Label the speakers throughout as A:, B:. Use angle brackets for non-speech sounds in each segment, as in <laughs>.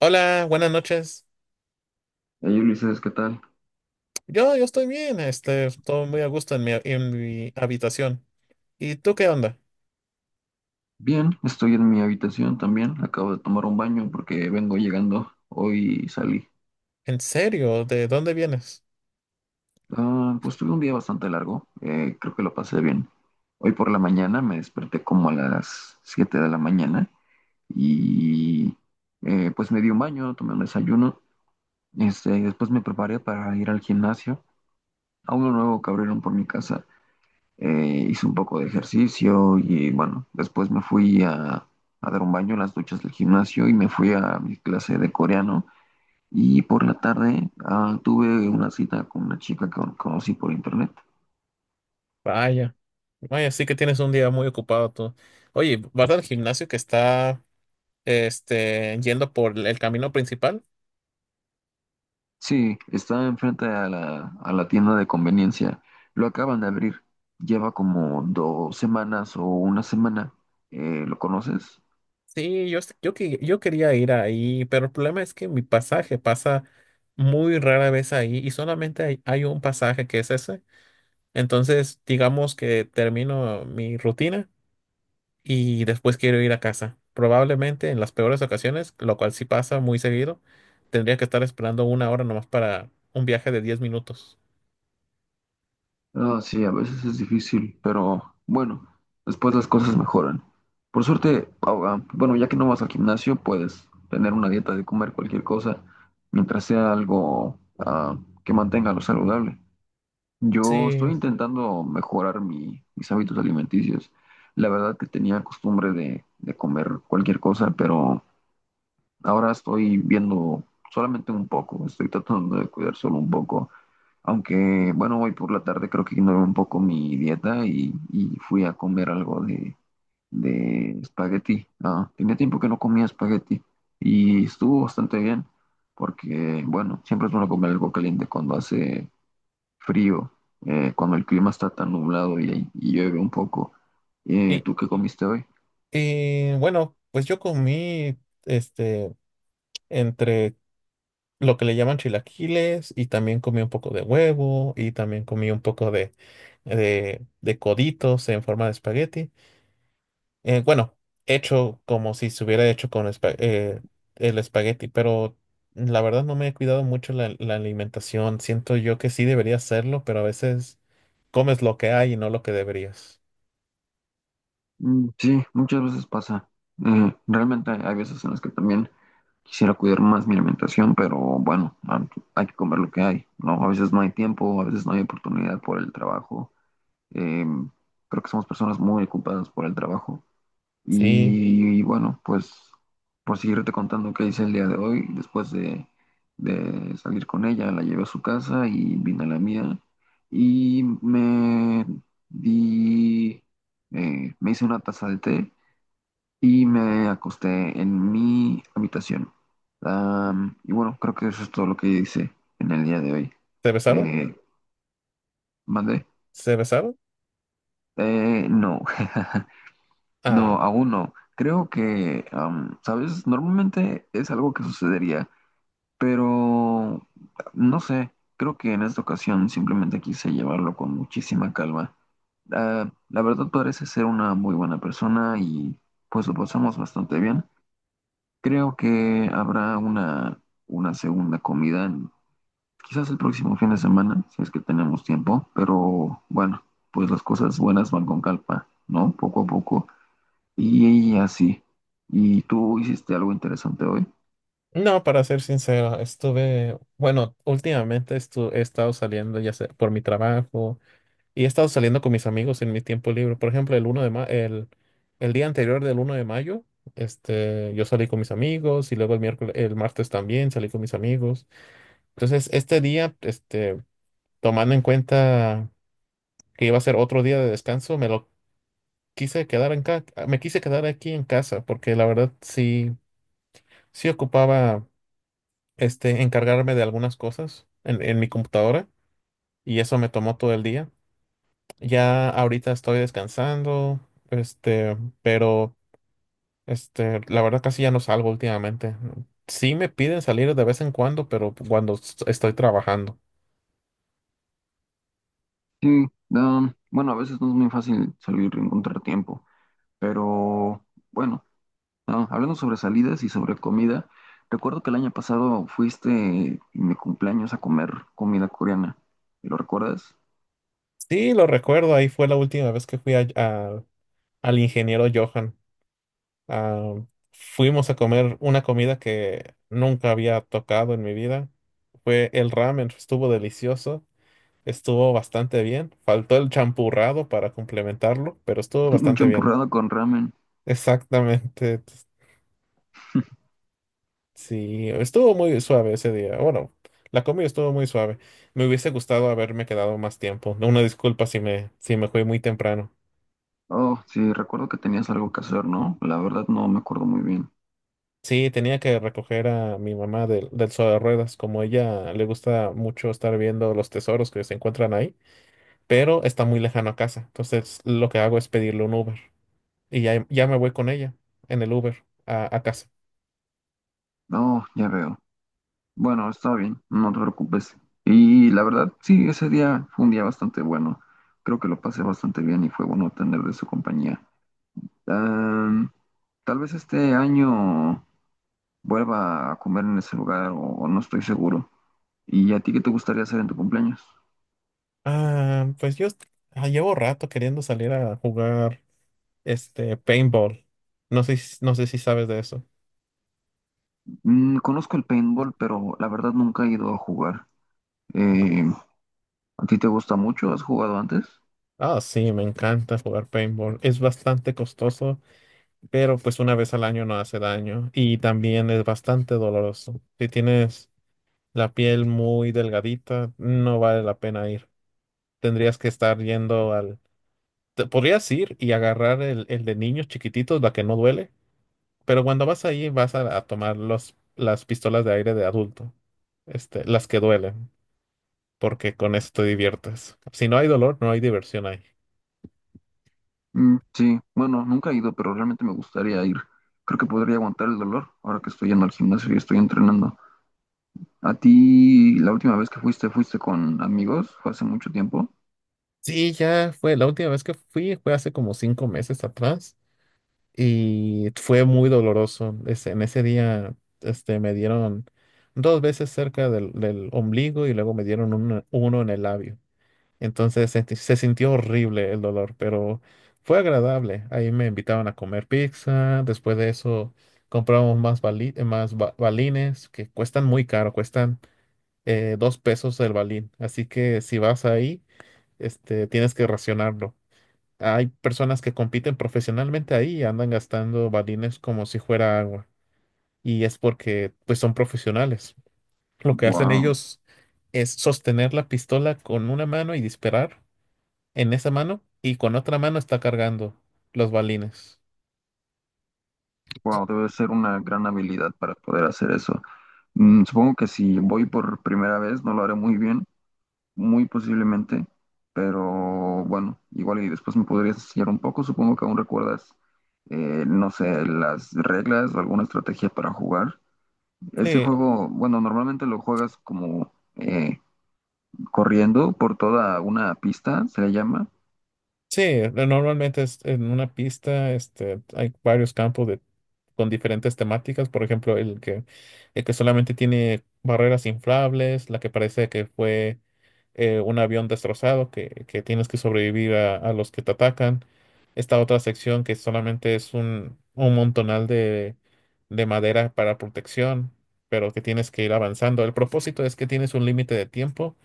A: Hola, buenas noches.
B: Hey Ulises, ¿qué tal?
A: Yo estoy bien, estoy muy a gusto en mi habitación. ¿Y tú qué onda?
B: Bien, estoy en mi habitación también. Acabo de tomar un baño porque vengo llegando. Hoy salí.
A: ¿En serio? ¿De dónde vienes?
B: Ah, pues tuve un día bastante largo. Creo que lo pasé bien. Hoy por la mañana me desperté como a las 7 de la mañana y pues me di un baño, tomé un desayuno. Este, y después me preparé para ir al gimnasio, a uno nuevo que abrieron por mi casa. Hice un poco de ejercicio y bueno, después me fui a dar un baño en las duchas del gimnasio y me fui a mi clase de coreano. Y por la tarde ah, tuve una cita con una chica que conocí por internet.
A: Vaya, vaya, sí que tienes un día muy ocupado tú. Oye, ¿vas al gimnasio que está yendo por el camino principal?
B: Sí, está enfrente a a la tienda de conveniencia. Lo acaban de abrir. Lleva como 2 semanas o una semana. ¿Lo conoces?
A: Sí, yo quería ir ahí, pero el problema es que mi pasaje pasa muy rara vez ahí y solamente hay un pasaje que es ese. Entonces, digamos que termino mi rutina, y después quiero ir a casa. Probablemente en las peores ocasiones, lo cual sí pasa muy seguido, tendría que estar esperando una hora nomás para un viaje de 10 minutos.
B: Ah, sí, a veces es difícil, pero bueno, después las cosas mejoran. Por suerte, ah, bueno, ya que no vas al gimnasio, puedes tener una dieta de comer cualquier cosa, mientras sea algo ah, que mantenga lo saludable. Yo estoy
A: Sí,
B: intentando mejorar mis hábitos alimenticios. La verdad que tenía costumbre de comer cualquier cosa, pero ahora estoy viendo solamente un poco, estoy tratando de cuidar solo un poco, aunque bueno, hoy por la tarde creo que ignoré un poco mi dieta y fui a comer algo de espagueti. Ah, tenía tiempo que no comía espagueti y estuvo bastante bien porque, bueno, siempre es bueno comer algo caliente cuando hace frío, cuando el clima está tan nublado y llueve un poco.
A: y,
B: ¿Tú qué comiste hoy?
A: bueno, pues yo comí este entre lo que le llaman chilaquiles y también comí un poco de huevo y también comí un poco de coditos en forma de espagueti. Bueno, hecho como si se hubiera hecho con el espagueti, pero la verdad no me he cuidado mucho la alimentación. Siento yo que sí debería hacerlo, pero a veces comes lo que hay y no lo que deberías.
B: Mm, sí, muchas veces pasa. Realmente hay veces en las que también quisiera cuidar más mi alimentación, pero bueno, man, hay que comer lo que hay, ¿no? A veces no hay tiempo, a veces no hay oportunidad por el trabajo. Eh, creo que somos personas muy ocupadas por el trabajo.
A: Sí,
B: Y bueno, pues por seguirte contando qué hice el día de hoy, después de salir con ella, la llevé a su casa y vine a la mía y me di, me hice una taza de té y me acosté en mi habitación. Am, y bueno, creo que eso es todo lo que hice en el día de hoy.
A: ¿se besaron?
B: Eh, ¿Mandé?
A: ¿Se besaron?
B: No, <laughs> no,
A: Ah,
B: aún no. Creo que, am, ¿sabes? Normalmente es algo que sucedería, pero no sé, creo que en esta ocasión simplemente quise llevarlo con muchísima calma. Ah, la verdad parece ser una muy buena persona y pues lo pasamos bastante bien. Creo que habrá una segunda comida, quizás el próximo fin de semana, si es que tenemos tiempo, pero bueno, pues las cosas buenas van con calpa, ¿no? Poco a poco. Y, y así. ¿Y tú hiciste algo interesante hoy?
A: no, para ser sincero, estuve, bueno, he estado saliendo ya sea por mi trabajo. Y he estado saliendo con mis amigos en mi tiempo libre. Por ejemplo, el día anterior del uno de mayo, yo salí con mis amigos y luego el martes también salí con mis amigos. Entonces, este día, tomando en cuenta que iba a ser otro día de descanso, me quise quedar aquí en casa porque la verdad sí, sí ocupaba, encargarme de algunas cosas en mi computadora y eso me tomó todo el día. Ya ahorita estoy descansando, este, pero la verdad casi ya no salgo últimamente. Sí me piden salir de vez en cuando, pero estoy trabajando.
B: Sí, um, bueno, a veces no es muy fácil salir y encontrar tiempo, pero bueno, ah, hablando sobre salidas y sobre comida, recuerdo que el año pasado fuiste en mi cumpleaños a comer comida coreana. ¿Lo recuerdas?
A: Sí, lo recuerdo, ahí fue la última vez que al ingeniero Johan. Ah, fuimos a comer una comida que nunca había tocado en mi vida. Fue el ramen, estuvo delicioso, estuvo bastante bien. Faltó el champurrado para complementarlo, pero estuvo
B: Un
A: bastante bien.
B: champurrado con ramen.
A: Exactamente. Sí, estuvo muy suave ese día. Bueno, la comida estuvo muy suave. Me hubiese gustado haberme quedado más tiempo. Una disculpa si si me fui muy temprano.
B: Oh, sí, recuerdo que tenías algo que hacer, ¿no? La verdad no me acuerdo muy bien.
A: Sí, tenía que recoger a mi mamá del sobre de ruedas, como ella le gusta mucho estar viendo los tesoros que se encuentran ahí, pero está muy lejano a casa. Entonces, lo que hago es pedirle un Uber y ya me voy con ella en el Uber a casa.
B: Oh, ya veo. Bueno, está bien, no te preocupes. Y la verdad, sí, ese día fue un día bastante bueno. Creo que lo pasé bastante bien y fue bueno tener de su compañía. Ah, tal vez este año vuelva a comer en ese lugar, o no estoy seguro. ¿Y a ti qué te gustaría hacer en tu cumpleaños?
A: Ah, pues llevo rato queriendo salir a jugar, paintball. No sé, no sé si sabes de eso.
B: Mm, conozco el paintball, pero la verdad nunca he ido a jugar. Eh, ¿A ti te gusta mucho? ¿Has jugado antes?
A: Ah, sí, me encanta jugar paintball. Es bastante costoso, pero pues una vez al año no hace daño. Y también es bastante doloroso. Si tienes la piel muy delgadita, no vale la pena ir. Tendrías que estar yendo al... podrías ir y agarrar el de niños chiquititos, la que no duele, pero cuando vas ahí a tomar las pistolas de aire de adulto, las que duelen, porque con eso te diviertes. Si no hay dolor, no hay diversión ahí.
B: Mm, sí, bueno, nunca he ido, pero realmente me gustaría ir. Creo que podría aguantar el dolor ahora que estoy yendo al gimnasio y estoy entrenando. ¿A ti la última vez que fuiste, fuiste con amigos? ¿Fue hace mucho tiempo?
A: Sí, ya fue. La última vez que fui fue hace como 5 meses atrás. Y fue muy doloroso. En ese día, me dieron dos veces del ombligo y luego me dieron uno en el labio. Entonces se sintió horrible el dolor, pero fue agradable. Ahí me invitaban a comer pizza. Después de eso, compramos más balines que cuestan muy caro, cuestan 2 pesos el balín. Así que si vas ahí, tienes que racionarlo. Hay personas que compiten profesionalmente ahí y andan gastando balines como si fuera agua. Y es porque pues son profesionales. Lo que hacen
B: Wow,
A: ellos es sostener la pistola con una mano y disparar en esa mano y con otra mano está cargando los balines.
B: wow, debe ser una gran habilidad para poder hacer eso. Mm, supongo que si voy por primera vez no lo haré muy bien, muy posiblemente, pero bueno, igual y después me podrías enseñar un poco, supongo que aún recuerdas, no sé, las reglas o alguna estrategia para jugar. Ese
A: Sí,
B: juego, bueno, normalmente lo juegas como corriendo por toda una pista, se le llama.
A: sí, normalmente es en una pista, hay varios campos con diferentes temáticas. Por ejemplo, el que solamente tiene barreras inflables, la que parece que fue un avión destrozado, que tienes que sobrevivir a los que te atacan. Esta otra sección que solamente es un montonal de madera para protección, pero que tienes que ir avanzando. El propósito es que tienes un límite de tiempo.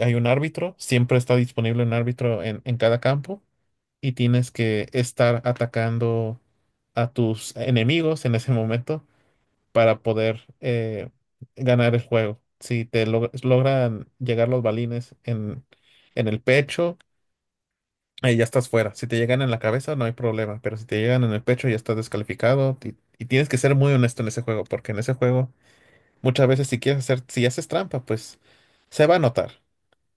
A: Hay un árbitro, siempre está disponible un árbitro en cada campo y tienes que estar atacando a tus enemigos en ese momento para poder ganar el juego. Si logran llegar los balines en el pecho, ahí ya estás fuera. Si te llegan en la cabeza, no hay problema, pero si te llegan en el pecho, ya estás descalificado y tienes que ser muy honesto en ese juego, porque en ese juego muchas veces si haces trampa, pues se va a notar.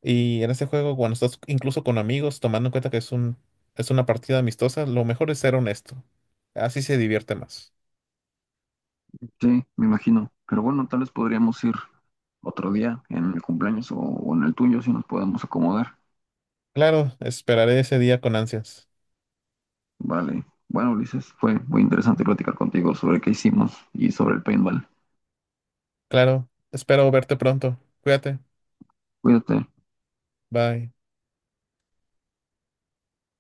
A: Y en ese juego, cuando estás incluso con amigos, tomando en cuenta que es una partida amistosa, lo mejor es ser honesto. Así se divierte más.
B: Sí, me imagino, pero bueno, tal vez podríamos ir otro día en el cumpleaños, o en el tuyo si nos podemos acomodar.
A: Claro, esperaré ese día con ansias.
B: Vale. Bueno, Ulises, fue muy interesante platicar contigo sobre qué hicimos y sobre el paintball.
A: Claro, espero verte pronto. Cuídate.
B: Cuídate.
A: Bye.